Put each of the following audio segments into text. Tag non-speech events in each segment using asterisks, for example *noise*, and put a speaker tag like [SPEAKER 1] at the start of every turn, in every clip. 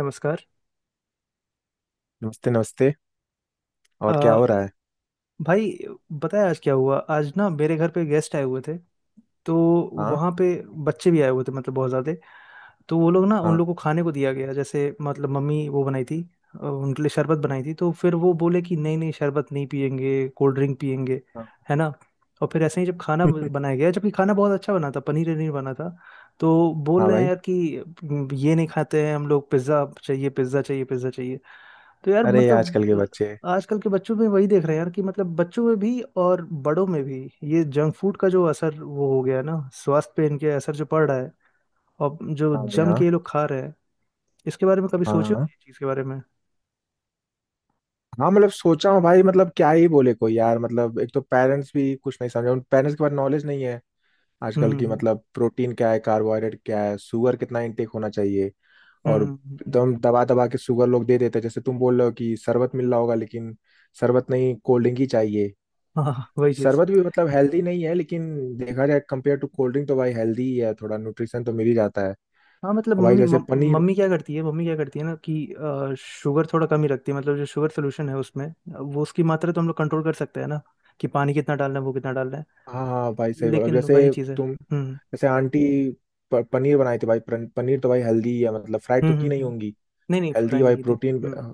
[SPEAKER 1] नमस्कार।
[SPEAKER 2] नमस्ते नमस्ते।
[SPEAKER 1] अ,
[SPEAKER 2] और क्या हो रहा है?
[SPEAKER 1] भाई बताया आज क्या हुआ। आज ना मेरे घर पे गेस्ट आए हुए थे। तो
[SPEAKER 2] हाँ।
[SPEAKER 1] वहाँ पे बच्चे भी आए हुए थे, मतलब बहुत ज़्यादा। तो वो लोग ना उन
[SPEAKER 2] हाँ।
[SPEAKER 1] लोग को खाने को दिया गया, जैसे मतलब मम्मी वो बनाई थी। उनके लिए शरबत बनाई थी, तो फिर वो बोले कि नहीं नहीं शरबत नहीं पियेंगे, कोल्ड ड्रिंक पियेंगे,
[SPEAKER 2] हाँ।
[SPEAKER 1] है ना। और फिर ऐसे ही जब खाना
[SPEAKER 2] *laughs*
[SPEAKER 1] बनाया गया, जबकि खाना बहुत अच्छा बना था, पनीर वनीर बना था। तो बोल
[SPEAKER 2] हाँ
[SPEAKER 1] रहे हैं
[SPEAKER 2] भाई।
[SPEAKER 1] यार कि ये नहीं खाते हैं हम लोग, पिज़्ज़ा चाहिए पिज़्ज़ा चाहिए पिज़्ज़ा चाहिए। तो यार
[SPEAKER 2] अरे ये आजकल के
[SPEAKER 1] मतलब
[SPEAKER 2] बच्चे।
[SPEAKER 1] आजकल के बच्चों में वही देख रहे हैं यार कि मतलब बच्चों में भी और बड़ों में भी ये जंक फूड का जो असर वो हो गया है ना, स्वास्थ्य पे इनके असर जो पड़ रहा है और जो
[SPEAKER 2] हाँ भाई।
[SPEAKER 1] जम
[SPEAKER 2] हाँ
[SPEAKER 1] के ये लोग खा रहे हैं इसके बारे में कभी
[SPEAKER 2] हाँ।
[SPEAKER 1] सोचे हो,
[SPEAKER 2] हाँ।
[SPEAKER 1] इस चीज के बारे में।
[SPEAKER 2] हाँ, मतलब सोचा हूँ भाई। मतलब क्या ही बोले कोई यार। मतलब एक तो पेरेंट्स भी कुछ नहीं समझे, उन पेरेंट्स के पास नॉलेज नहीं है।
[SPEAKER 1] हम्म।
[SPEAKER 2] आजकल की
[SPEAKER 1] हम्म। हम्म।
[SPEAKER 2] मतलब प्रोटीन क्या है, कार्बोहाइड्रेट क्या है, शुगर कितना इनटेक होना चाहिए। और
[SPEAKER 1] हम्म।
[SPEAKER 2] एकदम दबा दबा के शुगर लोग दे देते हैं। जैसे तुम बोल रहे हो कि शरबत मिल रहा होगा, लेकिन शरबत नहीं, कोल्ड ड्रिंक ही चाहिए।
[SPEAKER 1] हाँ हाँ, हाँ, वही चीज।
[SPEAKER 2] शरबत भी मतलब हेल्दी नहीं है, लेकिन देखा जाए कंपेयर टू कोल्ड ड्रिंक तो भाई हेल्दी ही है, थोड़ा न्यूट्रिशन तो मिल ही जाता है।
[SPEAKER 1] हाँ मतलब
[SPEAKER 2] और भाई
[SPEAKER 1] मम्मी
[SPEAKER 2] जैसे पनीर।
[SPEAKER 1] मम्मी क्या करती है, मम्मी क्या करती है ना कि शुगर थोड़ा कम ही रखती है, मतलब जो शुगर सोल्यूशन है उसमें वो उसकी मात्रा तो हम लोग कंट्रोल कर सकते हैं ना, कि पानी कितना डालना है, वो कितना डालना है।
[SPEAKER 2] हाँ हाँ भाई, सही बोला। अब
[SPEAKER 1] लेकिन वही
[SPEAKER 2] जैसे
[SPEAKER 1] चीज है।
[SPEAKER 2] तुम
[SPEAKER 1] हम्म
[SPEAKER 2] जैसे आंटी पनीर बनाई थी भाई। पनीर तो भाई हेल्दी है, मतलब फ्राइड
[SPEAKER 1] हम्म
[SPEAKER 2] तो की
[SPEAKER 1] हम्म
[SPEAKER 2] नहीं
[SPEAKER 1] हम्म।
[SPEAKER 2] होंगी।
[SPEAKER 1] नहीं नहीं,
[SPEAKER 2] हेल्दी
[SPEAKER 1] फ्राई नहीं
[SPEAKER 2] भाई,
[SPEAKER 1] की थी।
[SPEAKER 2] प्रोटीन।
[SPEAKER 1] हम्म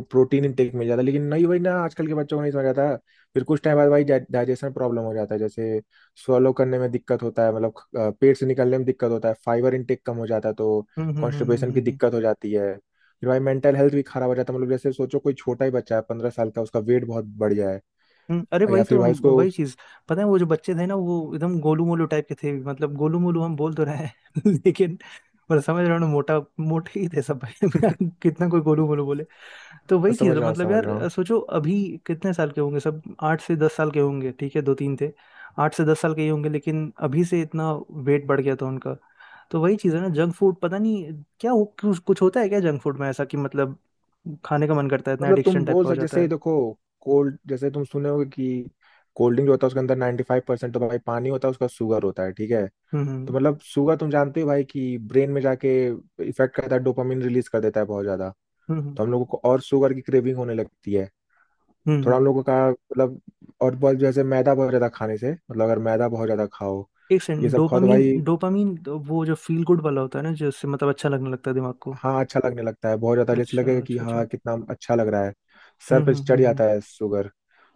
[SPEAKER 2] प्रोटीन इंटेक मिल जाता है, लेकिन नहीं भाई, ना आजकल के बच्चों को नहीं समझ आता। फिर कुछ टाइम बाद भाई डाइजेशन प्रॉब्लम हो जाता है। जैसे स्वलो करने में दिक्कत होता है, मतलब पेट से निकलने में दिक्कत होता है, फाइबर इंटेक कम हो जाता है, तो
[SPEAKER 1] हम्म हम्म हम्म हम्म
[SPEAKER 2] कॉन्स्टिपेशन
[SPEAKER 1] हम्म,
[SPEAKER 2] की
[SPEAKER 1] हम्म,
[SPEAKER 2] दिक्कत हो जाती है। फिर भाई मेंटल हेल्थ भी खराब हो जाता है। मतलब जैसे सोचो कोई छोटा ही बच्चा है 15 साल का, उसका वेट बहुत बढ़ जाए
[SPEAKER 1] अरे
[SPEAKER 2] या
[SPEAKER 1] वही
[SPEAKER 2] फिर
[SPEAKER 1] तो
[SPEAKER 2] भाई उसको।
[SPEAKER 1] वही चीज। पता है वो जो बच्चे थे ना, वो एकदम गोलू मोलू टाइप के थे, मतलब गोलू मोलू हम बोल तो रहे हैं *laughs* लेकिन पर समझ रहे हो ना, मोटा मोटे ही थे सब *laughs*
[SPEAKER 2] *laughs*
[SPEAKER 1] कितना कोई गोलू मोलू बोले। तो
[SPEAKER 2] हाँ,
[SPEAKER 1] वही चीज
[SPEAKER 2] समझ
[SPEAKER 1] है
[SPEAKER 2] रहा हूँ
[SPEAKER 1] मतलब
[SPEAKER 2] समझ
[SPEAKER 1] यार।
[SPEAKER 2] रहा हूँ।
[SPEAKER 1] सोचो अभी कितने साल के होंगे सब, 8 से 10 साल के होंगे, ठीक है, दो तीन थे। 8 से 10 साल के ही होंगे, लेकिन अभी से इतना वेट बढ़ गया था उनका। तो वही चीज़ है ना, जंक फूड पता नहीं क्या हो, कुछ कुछ होता है क्या जंक फूड में ऐसा कि मतलब खाने का मन करता है इतना,
[SPEAKER 2] मतलब तुम
[SPEAKER 1] एडिक्शन टाइप
[SPEAKER 2] बोल
[SPEAKER 1] का हो
[SPEAKER 2] सकते,
[SPEAKER 1] जाता
[SPEAKER 2] जैसे
[SPEAKER 1] है।
[SPEAKER 2] देखो कोल्ड, जैसे तुम सुने होगे कि कोल्ड ड्रिंक जो होता है उसके अंदर 95% फाइव परसेंट तो भाई पानी होता है, उसका शुगर होता है, ठीक है।
[SPEAKER 1] हम्म
[SPEAKER 2] तो
[SPEAKER 1] हम्म
[SPEAKER 2] मतलब शुगर तुम जानते हो भाई कि ब्रेन में जाके इफेक्ट करता है, डोपामिन रिलीज कर देता है बहुत ज्यादा।
[SPEAKER 1] हम्म हम्म
[SPEAKER 2] तो हम लोगों को और शुगर की क्रेविंग होने लगती है। थोड़ा हम
[SPEAKER 1] हम्म।
[SPEAKER 2] लोगों का मतलब, और बहुत, जैसे मैदा बहुत ज्यादा खाने से, मतलब अगर मैदा बहुत ज्यादा खाओ
[SPEAKER 1] एक
[SPEAKER 2] ये
[SPEAKER 1] सेकंड,
[SPEAKER 2] सब खाओ तो
[SPEAKER 1] डोपामीन,
[SPEAKER 2] भाई,
[SPEAKER 1] डोपामीन तो वो जो फील गुड वाला होता है ना, जिससे मतलब अच्छा लगने लगता है दिमाग को।
[SPEAKER 2] हाँ, अच्छा लगने लगता है बहुत ज्यादा। जैसे
[SPEAKER 1] अच्छा
[SPEAKER 2] लगेगा कि
[SPEAKER 1] अच्छा अच्छा।
[SPEAKER 2] हाँ कितना अच्छा लग रहा है। सर
[SPEAKER 1] हम्म
[SPEAKER 2] पे
[SPEAKER 1] हम्म
[SPEAKER 2] चढ़
[SPEAKER 1] हम्म
[SPEAKER 2] जाता है शुगर।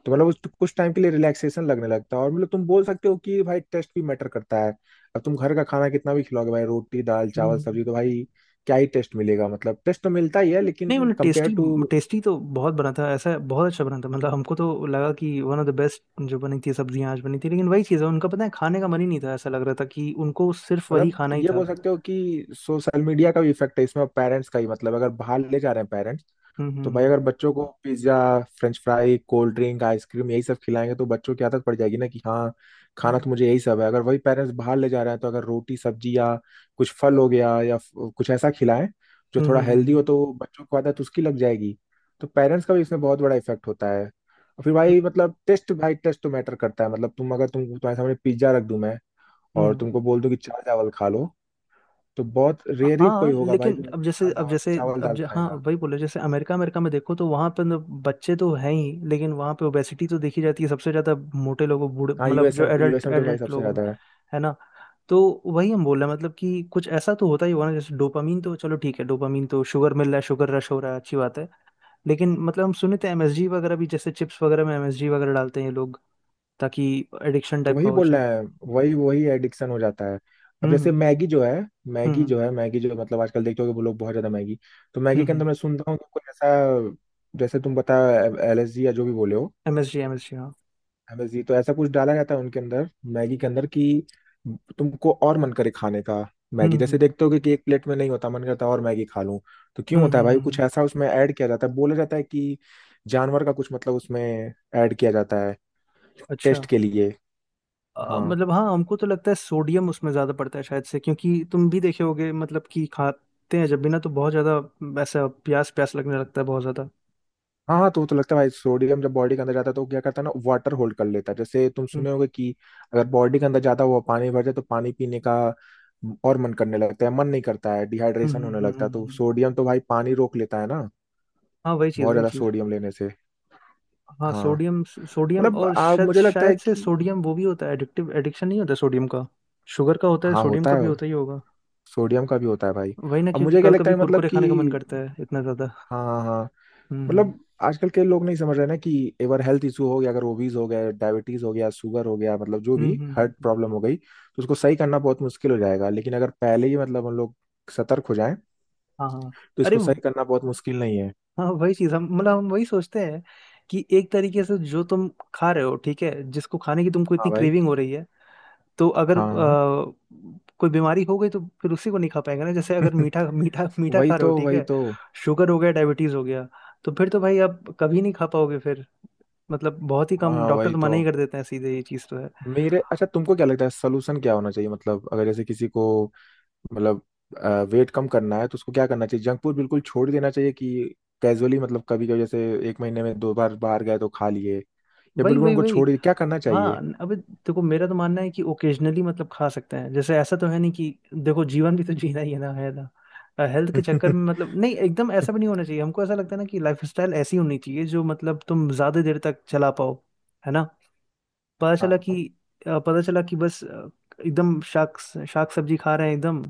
[SPEAKER 2] तो मतलब उस कुछ टाइम के लिए रिलैक्सेशन लगने लगता है। और मतलब तुम बोल सकते हो कि भाई टेस्ट भी मैटर करता है। अब तुम घर का खाना कितना भी खिलाओगे भाई, रोटी दाल
[SPEAKER 1] हम्म
[SPEAKER 2] चावल
[SPEAKER 1] हम्म,
[SPEAKER 2] सब्जी, तो
[SPEAKER 1] हम्म।
[SPEAKER 2] भाई क्या ही टेस्ट मिलेगा। मतलब टेस्ट तो मिलता ही है,
[SPEAKER 1] नहीं
[SPEAKER 2] लेकिन
[SPEAKER 1] मतलब
[SPEAKER 2] कंपेयर
[SPEAKER 1] टेस्टी,
[SPEAKER 2] टू।
[SPEAKER 1] टेस्टी तो बहुत बना था, ऐसा बहुत अच्छा बना था, मतलब हमको तो लगा कि वन ऑफ द बेस्ट जो बनी थी सब्जियां आज बनी थी। लेकिन वही चीज़ है, उनका पता है खाने का मन ही नहीं था, ऐसा लग रहा था कि उनको सिर्फ वही
[SPEAKER 2] मतलब
[SPEAKER 1] खाना ही
[SPEAKER 2] ये
[SPEAKER 1] था।
[SPEAKER 2] बोल सकते हो कि सोशल मीडिया का भी इफेक्ट है इसमें, पेरेंट्स का ही, मतलब अगर बाहर ले जा रहे हैं पेरेंट्स,
[SPEAKER 1] हम्म हम्म
[SPEAKER 2] तो भाई
[SPEAKER 1] हम्म
[SPEAKER 2] अगर बच्चों को pizza French fry cold drink ice cream यही सब खिलाएंगे, तो बच्चों की आदत पड़ जाएगी ना कि हाँ खाना
[SPEAKER 1] हम्म।
[SPEAKER 2] तो मुझे यही सब है। अगर वही पेरेंट्स बाहर ले जा रहे हैं, तो अगर रोटी सब्जी या कुछ फल हो गया या कुछ ऐसा खिलाएं जो
[SPEAKER 1] हम्म
[SPEAKER 2] थोड़ा
[SPEAKER 1] हम्म
[SPEAKER 2] हेल्दी
[SPEAKER 1] हम्म,
[SPEAKER 2] हो, तो बच्चों को आदत उसकी लग जाएगी। तो पेरेंट्स का भी इसमें बहुत बड़ा इफेक्ट होता है। और फिर भाई मतलब टेस्ट, भाई टेस्ट तो मैटर करता है। मतलब तुम, अगर तुम्हारे सामने पिज्जा रख दूं मैं
[SPEAKER 1] हम्म, हम्म।
[SPEAKER 2] और तुमको बोल दूं कि चावल चावल खा लो, तो बहुत रेयर ही
[SPEAKER 1] हाँ
[SPEAKER 2] कोई होगा भाई
[SPEAKER 1] लेकिन
[SPEAKER 2] जो
[SPEAKER 1] अब जैसे,
[SPEAKER 2] दाल चावल चावल दाल
[SPEAKER 1] हाँ
[SPEAKER 2] खाएगा।
[SPEAKER 1] वही बोले, जैसे अमेरिका, में देखो तो वहाँ पे बच्चे तो हैं ही, लेकिन वहाँ पे ओबेसिटी तो देखी जाती है सबसे ज्यादा, मोटे लोगों, बूढ़े,
[SPEAKER 2] हाँ
[SPEAKER 1] मतलब जो
[SPEAKER 2] USA
[SPEAKER 1] एडल्ट,
[SPEAKER 2] यूएसए में तो भाई सबसे
[SPEAKER 1] लोगों में,
[SPEAKER 2] ज्यादा है।
[SPEAKER 1] है ना। तो वही हम बोल रहे हैं, मतलब कि कुछ ऐसा तो होता ही होगा ना, जैसे डोपामीन तो चलो ठीक है, डोपामीन तो शुगर मिल रहा है, शुगर रश हो रहा है, अच्छी बात है। लेकिन मतलब हम सुने थे एमएसजी वगैरह भी, जैसे चिप्स वगैरह में एमएसजी वगैरह डालते हैं ये लोग, ताकि एडिक्शन
[SPEAKER 2] तो
[SPEAKER 1] टाइप
[SPEAKER 2] वही
[SPEAKER 1] का हो
[SPEAKER 2] बोल
[SPEAKER 1] जाए।
[SPEAKER 2] रहा है। वही वही एडिक्शन हो जाता है। अब जैसे
[SPEAKER 1] हम्म
[SPEAKER 2] मैगी जो है मैगी
[SPEAKER 1] हम्म
[SPEAKER 2] जो है मैगी जो मतलब आजकल देखते हो कि वो लोग बहुत ज्यादा मैगी। तो मैगी के
[SPEAKER 1] हम्म।
[SPEAKER 2] अंदर मैं सुनता हूँ कि कोई ऐसा, जैसे तुम बता LSG या जो भी बोले हो,
[SPEAKER 1] एमएसजी एमएसजी।
[SPEAKER 2] MSG। तो ऐसा कुछ डाला जाता है उनके अंदर मैगी के अंदर कि तुमको और मन करे खाने का।
[SPEAKER 1] हम्म
[SPEAKER 2] मैगी जैसे
[SPEAKER 1] हम्म
[SPEAKER 2] देखते हो कि एक प्लेट में नहीं होता, मन करता है और मैगी खा लूं। तो क्यों
[SPEAKER 1] हम्म
[SPEAKER 2] होता है
[SPEAKER 1] हम्म,
[SPEAKER 2] भाई?
[SPEAKER 1] हम्म, हम्म।
[SPEAKER 2] कुछ ऐसा उसमें ऐड किया जाता है, बोला जाता है कि जानवर का कुछ मतलब उसमें ऐड किया जाता है
[SPEAKER 1] अच्छा।
[SPEAKER 2] टेस्ट के लिए। हाँ
[SPEAKER 1] मतलब हाँ, हमको तो लगता है सोडियम उसमें ज़्यादा पड़ता है शायद से, क्योंकि तुम भी देखे होगे मतलब कि खाते हैं जब भी ना, तो बहुत ज़्यादा ऐसा प्यास प्यास लगने लगता है, बहुत ज़्यादा।
[SPEAKER 2] हाँ हाँ। तो वो तो लगता है भाई, सोडियम जब बॉडी के अंदर जाता है तो वो क्या करता है ना, वाटर होल्ड कर लेता है। जैसे तुम
[SPEAKER 1] हम्म
[SPEAKER 2] सुने होगे कि अगर बॉडी के अंदर ज्यादा हुआ, पानी भर जाए, तो पानी पीने का और मन करने लगता है, मन नहीं करता है, डिहाइड्रेशन होने लगता है। तो
[SPEAKER 1] हम्म।
[SPEAKER 2] सोडियम तो भाई पानी रोक लेता है ना,
[SPEAKER 1] हाँ वही चीज़
[SPEAKER 2] बहुत
[SPEAKER 1] वही
[SPEAKER 2] ज्यादा
[SPEAKER 1] चीज़।
[SPEAKER 2] सोडियम लेने से।
[SPEAKER 1] हाँ
[SPEAKER 2] हाँ,
[SPEAKER 1] सोडियम,
[SPEAKER 2] मतलब
[SPEAKER 1] और शायद,
[SPEAKER 2] मुझे लगता है
[SPEAKER 1] से
[SPEAKER 2] कि
[SPEAKER 1] सोडियम वो भी होता है एडिक्टिव, एडिक्शन नहीं होता सोडियम का। शुगर का होता है,
[SPEAKER 2] हाँ
[SPEAKER 1] सोडियम
[SPEAKER 2] होता
[SPEAKER 1] का भी
[SPEAKER 2] है,
[SPEAKER 1] होता ही होगा।
[SPEAKER 2] सोडियम का भी होता है भाई।
[SPEAKER 1] वही ना,
[SPEAKER 2] और
[SPEAKER 1] क्योंकि
[SPEAKER 2] मुझे क्या
[SPEAKER 1] कभी
[SPEAKER 2] लगता
[SPEAKER 1] कभी
[SPEAKER 2] है, मतलब
[SPEAKER 1] कुरकुरे
[SPEAKER 2] कि
[SPEAKER 1] खाने का मन करता है इतना ज़्यादा।
[SPEAKER 2] हाँ हाँ हाँ।
[SPEAKER 1] हम्म हम्म
[SPEAKER 2] मतलब आजकल के लोग नहीं समझ रहे ना कि अगर हेल्थ इशू हो गया, अगर ओबीज हो गया, डायबिटीज हो गया, शुगर हो गया, मतलब जो
[SPEAKER 1] हम्म
[SPEAKER 2] भी
[SPEAKER 1] हम्म, हम्म,
[SPEAKER 2] हार्ट
[SPEAKER 1] हम्म।
[SPEAKER 2] प्रॉब्लम हो गई, तो उसको सही करना बहुत मुश्किल हो जाएगा। लेकिन अगर पहले ही, मतलब हम लोग सतर्क हो जाएं,
[SPEAKER 1] हाँ हाँ।
[SPEAKER 2] तो
[SPEAKER 1] अरे
[SPEAKER 2] इसको सही करना बहुत मुश्किल नहीं है।
[SPEAKER 1] हाँ वही चीज, हम मतलब हम वही सोचते हैं कि एक तरीके से जो तुम खा रहे हो ठीक है, जिसको खाने की तुमको
[SPEAKER 2] हाँ
[SPEAKER 1] इतनी
[SPEAKER 2] भाई।
[SPEAKER 1] क्रेविंग हो रही है, तो अगर
[SPEAKER 2] हाँ
[SPEAKER 1] कोई बीमारी हो गई, तो फिर उसी को नहीं खा पाएंगे ना। जैसे अगर
[SPEAKER 2] हाँ।
[SPEAKER 1] मीठा मीठा
[SPEAKER 2] *laughs*
[SPEAKER 1] मीठा
[SPEAKER 2] वही
[SPEAKER 1] खा रहे हो
[SPEAKER 2] तो,
[SPEAKER 1] ठीक
[SPEAKER 2] वही
[SPEAKER 1] है,
[SPEAKER 2] तो।
[SPEAKER 1] शुगर हो गया, डायबिटीज हो गया, तो फिर तो भाई आप कभी नहीं खा पाओगे फिर। मतलब बहुत ही
[SPEAKER 2] हाँ
[SPEAKER 1] कम,
[SPEAKER 2] हाँ
[SPEAKER 1] डॉक्टर
[SPEAKER 2] वही
[SPEAKER 1] तो
[SPEAKER 2] तो।
[SPEAKER 1] मना ही कर देते हैं सीधे, ये चीज तो है।
[SPEAKER 2] मेरे अच्छा, तुमको क्या लगता है सोल्यूशन क्या होना चाहिए? मतलब अगर जैसे किसी को, मतलब वेट कम करना है, तो उसको क्या करना चाहिए? जंक फूड बिल्कुल छोड़ देना चाहिए कि कैजुअली, मतलब कभी कभी, जैसे 1 महीने में 2 बार बाहर गए तो खा लिए, या
[SPEAKER 1] वही
[SPEAKER 2] बिल्कुल
[SPEAKER 1] वही
[SPEAKER 2] उनको
[SPEAKER 1] वही।
[SPEAKER 2] छोड़ दिया, क्या करना चाहिए?
[SPEAKER 1] हाँ अबे देखो, मेरा तो मानना है कि ओकेजनली मतलब खा सकते हैं, जैसे ऐसा तो है नहीं कि देखो जीवन भी तो जीना ही है ना, है ना। हेल्थ के
[SPEAKER 2] *laughs*
[SPEAKER 1] चक्कर
[SPEAKER 2] हाँ
[SPEAKER 1] में मतलब नहीं, एकदम ऐसा भी नहीं होना चाहिए, हमको ऐसा लगता है ना कि लाइफस्टाइल ऐसी होनी चाहिए जो मतलब तुम ज्यादा देर तक चला पाओ, है ना। पता चला
[SPEAKER 2] हाँ,
[SPEAKER 1] कि पता चला कि बस एकदम शाक शाक सब्जी खा रहे हैं एकदम,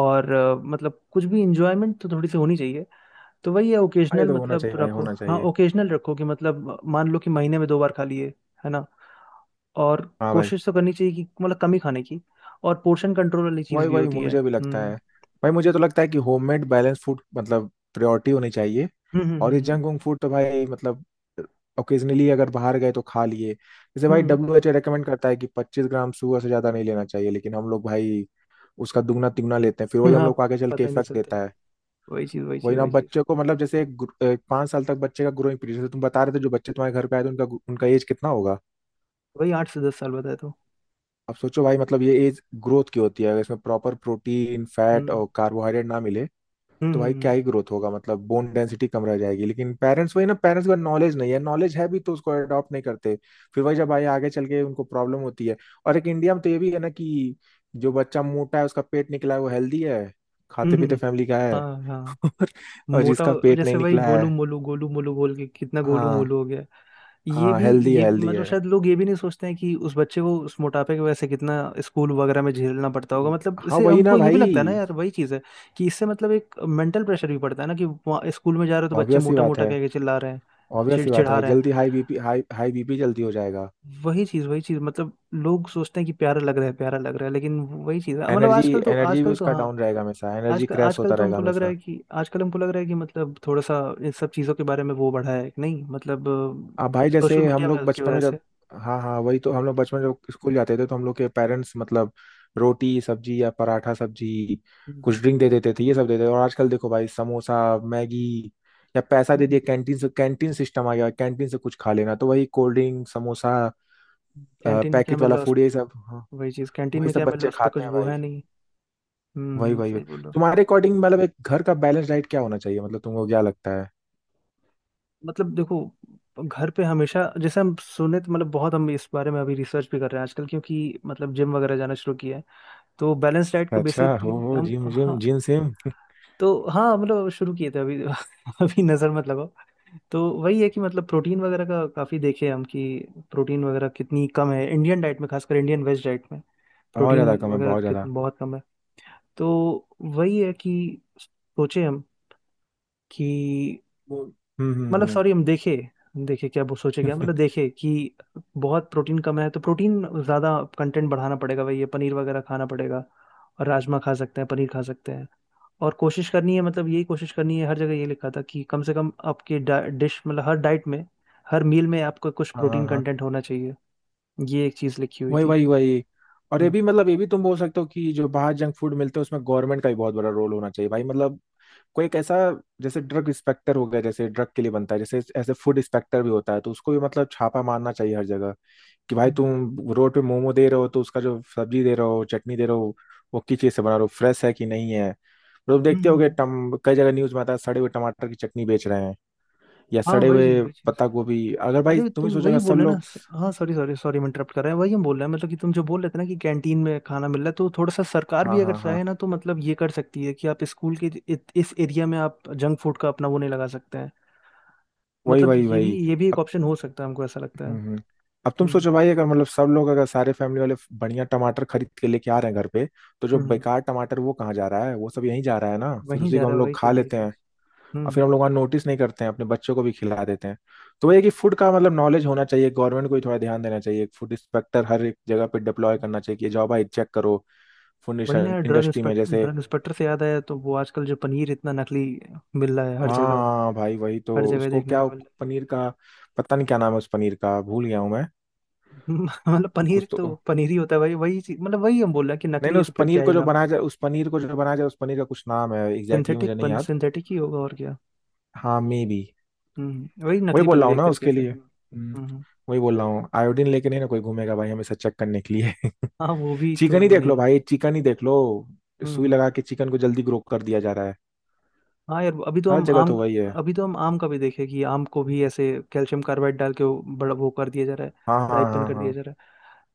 [SPEAKER 1] और मतलब कुछ भी इंजॉयमेंट तो थोड़ी सी होनी चाहिए। तो वही है
[SPEAKER 2] ये
[SPEAKER 1] ओकेजनल,
[SPEAKER 2] तो होना
[SPEAKER 1] मतलब
[SPEAKER 2] चाहिए भाई,
[SPEAKER 1] रखो,
[SPEAKER 2] होना
[SPEAKER 1] हाँ
[SPEAKER 2] चाहिए।
[SPEAKER 1] ओकेजनल रखो, कि मतलब मान लो कि महीने में 2 बार खा लिए, है ना। और
[SPEAKER 2] हाँ भाई।
[SPEAKER 1] कोशिश तो करनी चाहिए कि मतलब कम ही खाने की, और पोर्शन कंट्रोल वाली चीज़
[SPEAKER 2] वही
[SPEAKER 1] भी
[SPEAKER 2] वही
[SPEAKER 1] होती है।
[SPEAKER 2] मुझे भी लगता
[SPEAKER 1] हम्म।
[SPEAKER 2] है। भाई मुझे तो लगता है कि होममेड बैलेंस फूड मतलब प्रायोरिटी होनी चाहिए।
[SPEAKER 1] हम्म हम्म
[SPEAKER 2] और ये
[SPEAKER 1] हम्म
[SPEAKER 2] जंक वंक फूड तो भाई मतलब ओकेजनली अगर बाहर गए तो खा लिए। जैसे भाई
[SPEAKER 1] हम्म
[SPEAKER 2] WHO रिकमेंड करता है कि 25 ग्राम सुगर से ज़्यादा नहीं लेना चाहिए, लेकिन हम लोग भाई उसका दुगना तिगुना लेते हैं, फिर वही
[SPEAKER 1] *laughs*
[SPEAKER 2] हम
[SPEAKER 1] हाँ
[SPEAKER 2] लोग को आगे चल के
[SPEAKER 1] पता ही नहीं
[SPEAKER 2] इफेक्ट
[SPEAKER 1] चलता।
[SPEAKER 2] देता है।
[SPEAKER 1] वही चीज़ वही
[SPEAKER 2] वही
[SPEAKER 1] चीज़
[SPEAKER 2] ना
[SPEAKER 1] वही चीज़।
[SPEAKER 2] बच्चे को मतलब, जैसे एक 5 साल तक बच्चे का ग्रोइंग पीरियड। जैसे तुम बता रहे थे जो बच्चे तुम्हारे घर पे आए थे उनका, उनका एज कितना होगा?
[SPEAKER 1] वही 8 से 10 साल बताए तो।
[SPEAKER 2] अब सोचो भाई, मतलब ये एज ग्रोथ की होती है। अगर इसमें प्रॉपर प्रोटीन फैट
[SPEAKER 1] हम्म
[SPEAKER 2] और कार्बोहाइड्रेट ना मिले,
[SPEAKER 1] हम्म
[SPEAKER 2] तो भाई क्या
[SPEAKER 1] हम्म
[SPEAKER 2] ही ग्रोथ होगा? मतलब बोन डेंसिटी कम रह जाएगी। लेकिन पेरेंट्स, वही ना, पेरेंट्स का नॉलेज नहीं है, नॉलेज है भी तो उसको अडॉप्ट नहीं करते। फिर वही, जब आए आगे चल के उनको प्रॉब्लम होती है। और एक इंडिया में तो ये भी है ना कि जो बच्चा मोटा है, उसका पेट निकला है, वो हेल्दी है,
[SPEAKER 1] हम्म,
[SPEAKER 2] खाते
[SPEAKER 1] *laughs*
[SPEAKER 2] पीते
[SPEAKER 1] हम्म,
[SPEAKER 2] फैमिली का है।
[SPEAKER 1] हाँ हाँ।
[SPEAKER 2] *laughs* और, और
[SPEAKER 1] मोटा।
[SPEAKER 2] जिसका पेट नहीं
[SPEAKER 1] जैसे वही
[SPEAKER 2] निकला है।
[SPEAKER 1] गोलू मोलू बोल के कितना गोलू
[SPEAKER 2] हाँ
[SPEAKER 1] मोलू हो गया ये
[SPEAKER 2] हाँ,
[SPEAKER 1] भी।
[SPEAKER 2] हेल्दी है
[SPEAKER 1] ये
[SPEAKER 2] हेल्दी
[SPEAKER 1] मतलब
[SPEAKER 2] है।
[SPEAKER 1] शायद लोग ये भी नहीं सोचते हैं कि उस बच्चे को उस मोटापे की वजह से कितना स्कूल वगैरह में झेलना पड़ता होगा, मतलब
[SPEAKER 2] हाँ
[SPEAKER 1] इससे
[SPEAKER 2] वही ना
[SPEAKER 1] हमको ये भी लगता है ना
[SPEAKER 2] भाई।
[SPEAKER 1] यार, वही चीज़ है कि इससे मतलब एक मेंटल प्रेशर भी पड़ता है ना, कि वहाँ स्कूल में जा रहे हो तो बच्चे
[SPEAKER 2] ऑब्वियस ही
[SPEAKER 1] मोटा
[SPEAKER 2] बात
[SPEAKER 1] मोटा
[SPEAKER 2] है।
[SPEAKER 1] कह के चिल्ला रहे हैं,
[SPEAKER 2] ऑब्वियस ही बात है
[SPEAKER 1] चिड़चिड़ा
[SPEAKER 2] भाई,
[SPEAKER 1] रहे हैं।
[SPEAKER 2] जल्दी high BP, high high BP जल्दी हो जाएगा।
[SPEAKER 1] वही चीज वही चीज, मतलब लोग सोचते हैं कि प्यारा लग रहा है प्यारा लग रहा है, लेकिन वही चीज है। मतलब
[SPEAKER 2] एनर्जी,
[SPEAKER 1] आजकल तो,
[SPEAKER 2] एनर्जी भी उसका
[SPEAKER 1] हाँ
[SPEAKER 2] डाउन रहेगा हमेशा, एनर्जी
[SPEAKER 1] आजकल,
[SPEAKER 2] क्रैश होता
[SPEAKER 1] तो
[SPEAKER 2] रहेगा
[SPEAKER 1] हमको लग रहा
[SPEAKER 2] हमेशा।
[SPEAKER 1] है कि आजकल हमको लग रहा है कि मतलब थोड़ा सा इन सब चीजों के बारे में वो बढ़ा है कि नहीं, मतलब
[SPEAKER 2] अब भाई
[SPEAKER 1] सोशल
[SPEAKER 2] जैसे हम
[SPEAKER 1] मीडिया
[SPEAKER 2] लोग
[SPEAKER 1] की
[SPEAKER 2] बचपन में
[SPEAKER 1] वजह
[SPEAKER 2] जब,
[SPEAKER 1] से।
[SPEAKER 2] हाँ हाँ वही तो, हम लोग बचपन में जब स्कूल जाते थे, तो हम लोग के पेरेंट्स मतलब रोटी सब्जी या पराठा सब्जी कुछ
[SPEAKER 1] कैंटीन
[SPEAKER 2] ड्रिंक दे देते थे, ये सब देते थे। और आजकल देखो भाई, समोसा मैगी, या पैसा दे दिया कैंटीन से, कैंटीन सिस्टम आ गया, कैंटीन से कुछ खा लेना, तो वही कोल्ड ड्रिंक समोसा
[SPEAKER 1] में क्या
[SPEAKER 2] पैकेट
[SPEAKER 1] मिल
[SPEAKER 2] वाला
[SPEAKER 1] रहा है उस,
[SPEAKER 2] फूड, ये सब, हाँ।
[SPEAKER 1] वही चीज कैंटीन
[SPEAKER 2] वही
[SPEAKER 1] में
[SPEAKER 2] सब
[SPEAKER 1] क्या मिल रहा है
[SPEAKER 2] बच्चे
[SPEAKER 1] उस पर
[SPEAKER 2] खाते
[SPEAKER 1] कुछ
[SPEAKER 2] हैं
[SPEAKER 1] वो
[SPEAKER 2] भाई।
[SPEAKER 1] है नहीं।
[SPEAKER 2] वही वही वही
[SPEAKER 1] सही बोल रहे हो।
[SPEAKER 2] तुम्हारे अकॉर्डिंग मतलब एक घर का बैलेंस डाइट क्या होना चाहिए, मतलब तुमको क्या लगता है?
[SPEAKER 1] मतलब देखो, घर पे हमेशा, जैसे हम सुने तो मतलब बहुत हम इस बारे में अभी रिसर्च भी कर रहे हैं आजकल, क्योंकि मतलब जिम वगैरह जाना शुरू किया है। तो बैलेंस डाइट को
[SPEAKER 2] अच्छा
[SPEAKER 1] बेसिकली
[SPEAKER 2] हो
[SPEAKER 1] हम,
[SPEAKER 2] जिम जिम
[SPEAKER 1] हाँ
[SPEAKER 2] जिम सिम।
[SPEAKER 1] तो हाँ मतलब शुरू किए थे अभी *laughs* अभी नजर मत लगाओ। तो वही है कि मतलब प्रोटीन वगैरह का काफी देखे हम, कि प्रोटीन वगैरह कितनी कम है इंडियन डाइट में, खासकर इंडियन वेज डाइट में,
[SPEAKER 2] बहुत
[SPEAKER 1] प्रोटीन
[SPEAKER 2] ज्यादा कम है,
[SPEAKER 1] वगैरह
[SPEAKER 2] बहुत ज्यादा।
[SPEAKER 1] कितनी बहुत कम है। तो वही है कि सोचे हम कि
[SPEAKER 2] वो।
[SPEAKER 1] मतलब
[SPEAKER 2] हम्म।
[SPEAKER 1] सॉरी, हम देखे, देखे क्या वो, सोचे क्या मतलब
[SPEAKER 2] *laughs*
[SPEAKER 1] देखे कि बहुत प्रोटीन कम है। तो प्रोटीन ज़्यादा कंटेंट बढ़ाना पड़ेगा, वही है, पनीर वगैरह खाना पड़ेगा, और राजमा खा सकते हैं, पनीर खा सकते हैं। और कोशिश करनी है, मतलब यही कोशिश करनी है, हर जगह ये लिखा था कि कम से कम आपके डिश, मतलब हर डाइट में, हर मील में आपको कुछ
[SPEAKER 2] हाँ हाँ
[SPEAKER 1] प्रोटीन
[SPEAKER 2] हाँ।
[SPEAKER 1] कंटेंट होना चाहिए, ये एक चीज़ लिखी हुई
[SPEAKER 2] वही
[SPEAKER 1] थी।
[SPEAKER 2] वही वही और ये
[SPEAKER 1] हम्म
[SPEAKER 2] भी मतलब, ये भी तुम बोल सकते हो कि जो बाहर जंक फूड मिलते हैं उसमें गवर्नमेंट का भी बहुत बड़ा रोल होना चाहिए भाई। मतलब कोई एक ऐसा, जैसे ड्रग इंस्पेक्टर हो गया, जैसे ड्रग के लिए बनता है, जैसे ऐसे फूड इंस्पेक्टर भी होता है, तो उसको भी मतलब छापा मारना चाहिए हर जगह कि भाई
[SPEAKER 1] हम्म
[SPEAKER 2] तुम रोड पे मोमो दे रहे हो तो उसका जो सब्जी दे रहे हो चटनी दे रहे हो, वो किस चीज़ से बना रहे हो, फ्रेश है कि नहीं है। लोग
[SPEAKER 1] हम्म,
[SPEAKER 2] देखते होगे,
[SPEAKER 1] हम्म,
[SPEAKER 2] टम कई जगह न्यूज में आता है सड़े हुए टमाटर की चटनी बेच रहे हैं, या
[SPEAKER 1] हाँ
[SPEAKER 2] सड़े
[SPEAKER 1] वही चीज
[SPEAKER 2] हुए
[SPEAKER 1] वही चीज।
[SPEAKER 2] पत्ता गोभी। अगर भाई
[SPEAKER 1] अरे
[SPEAKER 2] तुम ही
[SPEAKER 1] तुम वही
[SPEAKER 2] सोचोगा सब
[SPEAKER 1] बोल रहे ना
[SPEAKER 2] लोग,
[SPEAKER 1] हाँ सॉरी सॉरी सॉरी मैं इंटरप्ट कर रहा है, वही हम बोल रहे हैं मतलब कि तुम जो बोल रहे थे ना कि कैंटीन में खाना मिल रहा है, तो थोड़ा सा सरकार
[SPEAKER 2] हाँ
[SPEAKER 1] भी अगर
[SPEAKER 2] हाँ हाँ,
[SPEAKER 1] चाहे ना, तो मतलब ये कर सकती है कि आप स्कूल के इस एरिया में आप जंक फूड का अपना वो नहीं लगा सकते हैं,
[SPEAKER 2] वही
[SPEAKER 1] मतलब
[SPEAKER 2] वही
[SPEAKER 1] ये भी,
[SPEAKER 2] वही
[SPEAKER 1] ये भी एक
[SPEAKER 2] अब।
[SPEAKER 1] ऑप्शन हो सकता है, हमको ऐसा लगता है।
[SPEAKER 2] हम्म हम्म। अब तुम
[SPEAKER 1] हम्म
[SPEAKER 2] सोचो भाई, अगर मतलब सब लोग, अगर सारे फैमिली वाले बढ़िया टमाटर खरीद के लेके आ रहे हैं घर पे, तो जो
[SPEAKER 1] हम्म हम्म,
[SPEAKER 2] बेकार टमाटर वो कहाँ जा रहा है? वो सब यहीं जा रहा है ना, फिर
[SPEAKER 1] वहीं
[SPEAKER 2] उसी
[SPEAKER 1] जा
[SPEAKER 2] को
[SPEAKER 1] रहा
[SPEAKER 2] हम
[SPEAKER 1] है, वही
[SPEAKER 2] लोग खा
[SPEAKER 1] चीज वही
[SPEAKER 2] लेते हैं।
[SPEAKER 1] चीज।
[SPEAKER 2] और
[SPEAKER 1] हम्म।
[SPEAKER 2] फिर हम लोग वहाँ नोटिस नहीं करते हैं, अपने बच्चों को भी खिला देते हैं। तो वही है कि फूड का मतलब नॉलेज होना चाहिए, गवर्नमेंट को भी थोड़ा ध्यान देना चाहिए, फूड इंस्पेक्टर हर एक जगह पे डिप्लॉय करना चाहिए कि जाओ भाई चेक करो फूड
[SPEAKER 1] वही ना,
[SPEAKER 2] इंडस्ट्री में। जैसे
[SPEAKER 1] ड्रग इंस्पेक्टर से याद आया, तो वो आजकल जो पनीर इतना नकली मिल रहा है
[SPEAKER 2] हाँ
[SPEAKER 1] हर जगह,
[SPEAKER 2] हाँ हाँ, भाई वही
[SPEAKER 1] हर
[SPEAKER 2] तो
[SPEAKER 1] जगह
[SPEAKER 2] उसको
[SPEAKER 1] देखने
[SPEAKER 2] क्या,
[SPEAKER 1] को मिल रहा है।
[SPEAKER 2] पनीर का, पता नहीं क्या नाम है उस पनीर का, भूल गया हूँ मैं।
[SPEAKER 1] मतलब पनीर
[SPEAKER 2] कुछ तो,
[SPEAKER 1] तो पनीर ही होता है भाई, वही चीज, मतलब वही हम बोल रहे हैं कि
[SPEAKER 2] नहीं
[SPEAKER 1] नकली
[SPEAKER 2] नहीं,
[SPEAKER 1] है
[SPEAKER 2] उस
[SPEAKER 1] तो फिर
[SPEAKER 2] पनीर
[SPEAKER 1] क्या ही
[SPEAKER 2] को जो
[SPEAKER 1] नाम।
[SPEAKER 2] बनाया जाए, उस पनीर को जो बनाया जाए, उस पनीर का कुछ नाम है एग्जैक्टली। exactly, मुझे नहीं याद।
[SPEAKER 1] सिंथेटिक ही होगा और क्या।
[SPEAKER 2] हाँ मे बी।
[SPEAKER 1] हम्म, वही
[SPEAKER 2] वही
[SPEAKER 1] नकली
[SPEAKER 2] बोल रहा
[SPEAKER 1] पनीर
[SPEAKER 2] हूँ
[SPEAKER 1] एक
[SPEAKER 2] ना
[SPEAKER 1] तरीके
[SPEAKER 2] उसके
[SPEAKER 1] से।
[SPEAKER 2] लिए।
[SPEAKER 1] हम्म। हम्म।
[SPEAKER 2] वही बोल रहा हूँ, आयोडीन लेके नहीं ना कोई घूमेगा भाई हमेशा चेक करने के लिए। *laughs*
[SPEAKER 1] हाँ वो भी तो
[SPEAKER 2] चिकन ही
[SPEAKER 1] वो
[SPEAKER 2] देख
[SPEAKER 1] नहीं
[SPEAKER 2] लो
[SPEAKER 1] है।
[SPEAKER 2] भाई, चिकन ही देख लो,
[SPEAKER 1] हम्म
[SPEAKER 2] सुई
[SPEAKER 1] हम्म।
[SPEAKER 2] लगा के चिकन को जल्दी ग्रो कर दिया जा रहा है।
[SPEAKER 1] हाँ यार, अभी तो
[SPEAKER 2] हर
[SPEAKER 1] हम
[SPEAKER 2] जगह
[SPEAKER 1] आम,
[SPEAKER 2] तो वही है।
[SPEAKER 1] अभी तो हम आम का भी देखे कि आम को भी ऐसे कैल्शियम कार्बाइड डाल के वो बड़ा वो कर दिया जा रहा
[SPEAKER 2] हाँ
[SPEAKER 1] है,
[SPEAKER 2] हाँ
[SPEAKER 1] राइपन
[SPEAKER 2] हाँ
[SPEAKER 1] कर दिया
[SPEAKER 2] हाँ।
[SPEAKER 1] जा रहा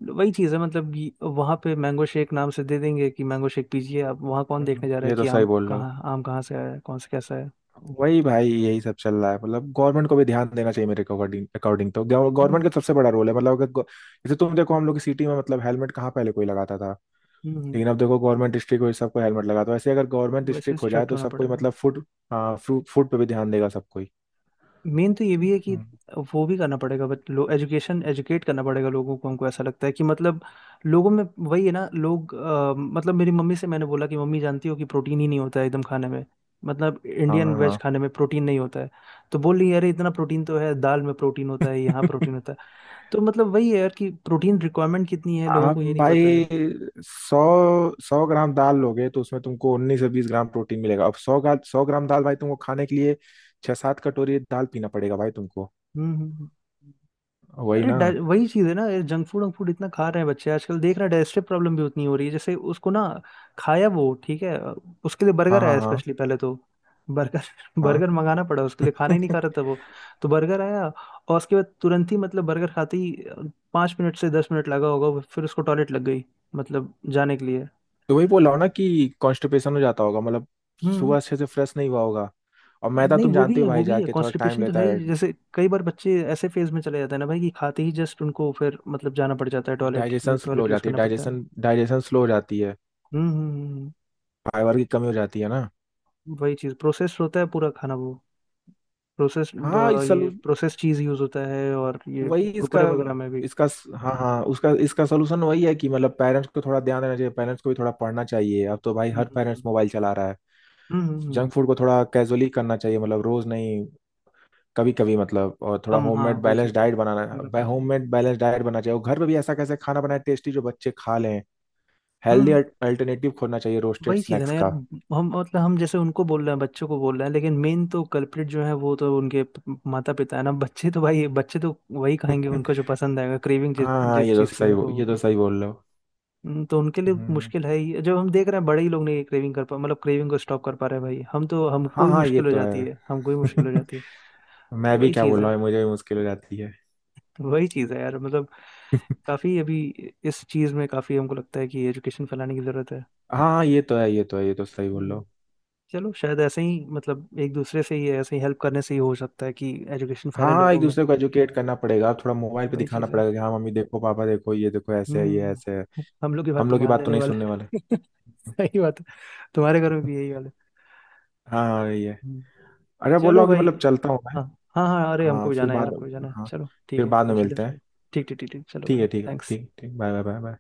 [SPEAKER 1] है। वही चीज़ है, मतलब ये- वहाँ पे मैंगो शेक नाम से दे देंगे कि मैंगो शेक पीजिए आप, वहाँ कौन देखने जा रहा है
[SPEAKER 2] ये तो
[SPEAKER 1] कि
[SPEAKER 2] सही
[SPEAKER 1] आम
[SPEAKER 2] बोल रहे हो।
[SPEAKER 1] कहाँ, आम कहाँ से आया है, कौन से कैसा है।
[SPEAKER 2] वही भाई यही सब चल रहा है। मतलब गवर्नमेंट को भी ध्यान देना चाहिए मेरे अकॉर्डिंग। अकॉर्डिंग तो गवर्नमेंट
[SPEAKER 1] हम्म
[SPEAKER 2] का सबसे बड़ा रोल है। मतलब अगर गो-, जैसे तुम देखो हम लोग की सिटी में, मतलब हेलमेट कहाँ पहले कोई लगाता था,
[SPEAKER 1] हम्म,
[SPEAKER 2] लेकिन अब देखो गवर्नमेंट डिस्ट्रिक्ट हुई, सबको हेलमेट लगा। तो ऐसे अगर गवर्नमेंट
[SPEAKER 1] वैसे
[SPEAKER 2] डिस्ट्रिक्ट हो जाए
[SPEAKER 1] स्ट्रक्ट
[SPEAKER 2] तो
[SPEAKER 1] होना
[SPEAKER 2] सब कोई,
[SPEAKER 1] पड़ेगा।
[SPEAKER 2] मतलब फूड, हाँ फ्रूट फूड पे भी ध्यान देगा सब कोई।
[SPEAKER 1] मेन तो ये भी है कि
[SPEAKER 2] हम्म।
[SPEAKER 1] वो भी करना पड़ेगा, बट लो एजुकेशन, एजुकेट करना पड़ेगा लोगों को, हमको ऐसा लगता है कि मतलब लोगों में वही है ना, लोग मतलब मेरी मम्मी से मैंने बोला कि मम्मी जानती हो कि प्रोटीन ही नहीं होता है एकदम खाने में, मतलब
[SPEAKER 2] हाँ
[SPEAKER 1] इंडियन वेज
[SPEAKER 2] हाँ।
[SPEAKER 1] खाने में प्रोटीन नहीं होता है। तो बोल रही है, अरे इतना प्रोटीन तो है, दाल में प्रोटीन होता है,
[SPEAKER 2] *laughs*
[SPEAKER 1] यहाँ
[SPEAKER 2] हाँ।
[SPEAKER 1] प्रोटीन होता है। तो मतलब वही है यार कि प्रोटीन रिक्वायरमेंट कितनी है लोगों
[SPEAKER 2] आप
[SPEAKER 1] को ये नहीं पता है।
[SPEAKER 2] भाई सौ सौ ग्राम दाल लोगे तो उसमें तुमको 19 से 20 ग्राम प्रोटीन मिलेगा। अब 100 ग्राम दाल भाई, तुमको खाने के लिए 6-7 कटोरी दाल पीना पड़ेगा भाई तुमको।
[SPEAKER 1] हम्म हम्म हम्म।
[SPEAKER 2] वही
[SPEAKER 1] अरे
[SPEAKER 2] ना।
[SPEAKER 1] वही चीज है ना यार, जंक फूड, इतना खा रहे हैं बच्चे आजकल देख रहे हैं, डाइजेस्टिव प्रॉब्लम भी उतनी हो रही है, जैसे उसको ना खाया वो ठीक है, उसके लिए
[SPEAKER 2] हाँ
[SPEAKER 1] बर्गर
[SPEAKER 2] हाँ
[SPEAKER 1] आया,
[SPEAKER 2] हाँ
[SPEAKER 1] स्पेशली पहले तो बर्गर,
[SPEAKER 2] हाँ।
[SPEAKER 1] *laughs* मंगाना पड़ा उसके लिए, खाना ही नहीं
[SPEAKER 2] *laughs*
[SPEAKER 1] खा रहा था वो। तो बर्गर आया और उसके बाद तुरंत ही मतलब बर्गर खाते ही 5 मिनट से 10 मिनट लगा होगा, फिर उसको टॉयलेट लग गई मतलब जाने के लिए।
[SPEAKER 2] तो वही बोल रहा हूँ ना कि कॉन्स्टिपेशन हो जाता होगा, मतलब
[SPEAKER 1] हम्म।
[SPEAKER 2] सुबह अच्छे से फ्रेश नहीं हुआ होगा। और मैदा
[SPEAKER 1] नहीं
[SPEAKER 2] तुम
[SPEAKER 1] वो भी
[SPEAKER 2] जानते
[SPEAKER 1] है,
[SPEAKER 2] हो
[SPEAKER 1] वो
[SPEAKER 2] भाई,
[SPEAKER 1] भी है,
[SPEAKER 2] जाके थोड़ा टाइम
[SPEAKER 1] कॉन्स्टिपेशन तो
[SPEAKER 2] लेता
[SPEAKER 1] है
[SPEAKER 2] है।
[SPEAKER 1] ही, जैसे कई बार बच्चे ऐसे फेज में चले जाते हैं ना भाई कि खाते ही जस्ट उनको फिर मतलब जाना पड़ जाता है टॉयलेट,
[SPEAKER 2] डाइजेशन स्लो
[SPEAKER 1] टॉयलेट
[SPEAKER 2] हो
[SPEAKER 1] यूज
[SPEAKER 2] जाती है,
[SPEAKER 1] करना पड़ता है।
[SPEAKER 2] डाइजेशन डाइजेशन स्लो हो जाती है,
[SPEAKER 1] हम्म हम्म,
[SPEAKER 2] फाइबर की कमी हो जाती है ना।
[SPEAKER 1] वही चीज, प्रोसेस होता है पूरा खाना वो, प्रोसेस,
[SPEAKER 2] हाँ इस
[SPEAKER 1] ये
[SPEAKER 2] सलू,
[SPEAKER 1] प्रोसेस चीज यूज होता है और ये
[SPEAKER 2] वही इसका
[SPEAKER 1] कुरकुरे वगैरह में भी।
[SPEAKER 2] इसका हाँ हाँ, उसका इसका सोल्यूशन वही है कि मतलब पेरेंट्स को थोड़ा ध्यान देना चाहिए, पेरेंट्स को भी थोड़ा पढ़ना चाहिए। अब तो भाई
[SPEAKER 1] हम्म
[SPEAKER 2] हर पेरेंट्स
[SPEAKER 1] हम्म
[SPEAKER 2] मोबाइल चला रहा है।
[SPEAKER 1] हम्म हम्म, हम्म, हम्म,
[SPEAKER 2] जंक
[SPEAKER 1] हम्म,
[SPEAKER 2] फूड को थोड़ा कैजुअली करना चाहिए, मतलब रोज नहीं, कभी कभी मतलब, और थोड़ा
[SPEAKER 1] कम हाँ
[SPEAKER 2] होममेड
[SPEAKER 1] वही
[SPEAKER 2] बैलेंस
[SPEAKER 1] चीज है,
[SPEAKER 2] डाइट
[SPEAKER 1] कम
[SPEAKER 2] बनाना,
[SPEAKER 1] रखना चाहिए।
[SPEAKER 2] होममेड बैलेंस डाइट बनाना चाहिए। और घर पे भी ऐसा कैसे खाना बनाए टेस्टी जो बच्चे खा लें।
[SPEAKER 1] हम्म
[SPEAKER 2] हेल्दी
[SPEAKER 1] हम्म,
[SPEAKER 2] अल्टरनेटिव खोजना चाहिए रोस्टेड
[SPEAKER 1] वही चीज है
[SPEAKER 2] स्नैक्स
[SPEAKER 1] ना यार,
[SPEAKER 2] का।
[SPEAKER 1] हम मतलब हम जैसे उनको बोल रहे हैं, बच्चों को बोल रहे हैं, लेकिन मेन तो कल्प्रिट जो है वो तो उनके माता पिता है ना, बच्चे तो भाई बच्चे तो वही खाएंगे
[SPEAKER 2] *laughs*
[SPEAKER 1] उनको जो पसंद आएगा, क्रेविंग जिस
[SPEAKER 2] हाँ
[SPEAKER 1] जिस चीज की उनको
[SPEAKER 2] ये तो
[SPEAKER 1] होगी।
[SPEAKER 2] सही बोल रहे हो।
[SPEAKER 1] तो उनके लिए
[SPEAKER 2] हम्म,
[SPEAKER 1] मुश्किल है ही, जब हम देख रहे हैं बड़े ही लोग नहीं क्रेविंग कर पा मतलब क्रेविंग को स्टॉप कर पा रहे हैं भाई, हम तो हमको
[SPEAKER 2] हाँ
[SPEAKER 1] ही
[SPEAKER 2] हाँ ये
[SPEAKER 1] मुश्किल हो
[SPEAKER 2] तो
[SPEAKER 1] जाती
[SPEAKER 2] है।
[SPEAKER 1] है, हमको ही मुश्किल हो
[SPEAKER 2] *laughs*
[SPEAKER 1] जाती है। तो
[SPEAKER 2] मैं भी
[SPEAKER 1] वही
[SPEAKER 2] क्या
[SPEAKER 1] चीज़
[SPEAKER 2] बोल रहा
[SPEAKER 1] है,
[SPEAKER 2] हूँ, मुझे भी मुश्किल हो जाती है।
[SPEAKER 1] तो वही चीज़ है यार, मतलब
[SPEAKER 2] *laughs*
[SPEAKER 1] काफ़ी अभी इस चीज़ में काफ़ी हमको लगता है कि एजुकेशन फैलाने की ज़रूरत है।
[SPEAKER 2] हाँ ये तो है, ये तो है, ये तो सही बोल रहे
[SPEAKER 1] हम्म,
[SPEAKER 2] हो।
[SPEAKER 1] चलो शायद ऐसे ही मतलब एक दूसरे से ही ऐसे ही हेल्प करने से ही हो सकता है कि एजुकेशन
[SPEAKER 2] हाँ
[SPEAKER 1] फैले
[SPEAKER 2] हाँ,
[SPEAKER 1] लोगों
[SPEAKER 2] एक
[SPEAKER 1] में,
[SPEAKER 2] दूसरे को एजुकेट करना पड़ेगा, थोड़ा मोबाइल पे
[SPEAKER 1] वही
[SPEAKER 2] दिखाना
[SPEAKER 1] चीज़ है।
[SPEAKER 2] पड़ेगा कि हाँ मम्मी देखो, पापा देखो, ये देखो ऐसे है, ये ऐसे है।
[SPEAKER 1] हम्म, हम लोग की बात
[SPEAKER 2] हम
[SPEAKER 1] तो
[SPEAKER 2] लोग की बात
[SPEAKER 1] मानने
[SPEAKER 2] तो
[SPEAKER 1] नहीं
[SPEAKER 2] नहीं सुनने वाले।
[SPEAKER 1] वाले *laughs* सही बात है। तुम्हारे घर में भी यही हाल है।
[SPEAKER 2] हाँ हाँ ये,
[SPEAKER 1] हम्म,
[SPEAKER 2] अरे बोल
[SPEAKER 1] चलो
[SPEAKER 2] रहा हूँ कि
[SPEAKER 1] भाई।
[SPEAKER 2] मतलब चलता हूँ मैं।
[SPEAKER 1] हाँ हाँ हाँ, अरे हमको
[SPEAKER 2] हाँ
[SPEAKER 1] भी
[SPEAKER 2] फिर
[SPEAKER 1] जाना है यार,
[SPEAKER 2] बाद,
[SPEAKER 1] हमको भी जाना है,
[SPEAKER 2] हाँ,
[SPEAKER 1] चलो ठीक
[SPEAKER 2] फिर
[SPEAKER 1] है,
[SPEAKER 2] बाद में
[SPEAKER 1] कोई हो गया।
[SPEAKER 2] मिलते हैं।
[SPEAKER 1] ठीक ठीक ठीक ठीक, चलो
[SPEAKER 2] ठीक
[SPEAKER 1] भाई
[SPEAKER 2] है ठीक है,
[SPEAKER 1] थैंक्स।
[SPEAKER 2] ठीक ठीक, बाय बाय बाय बाय।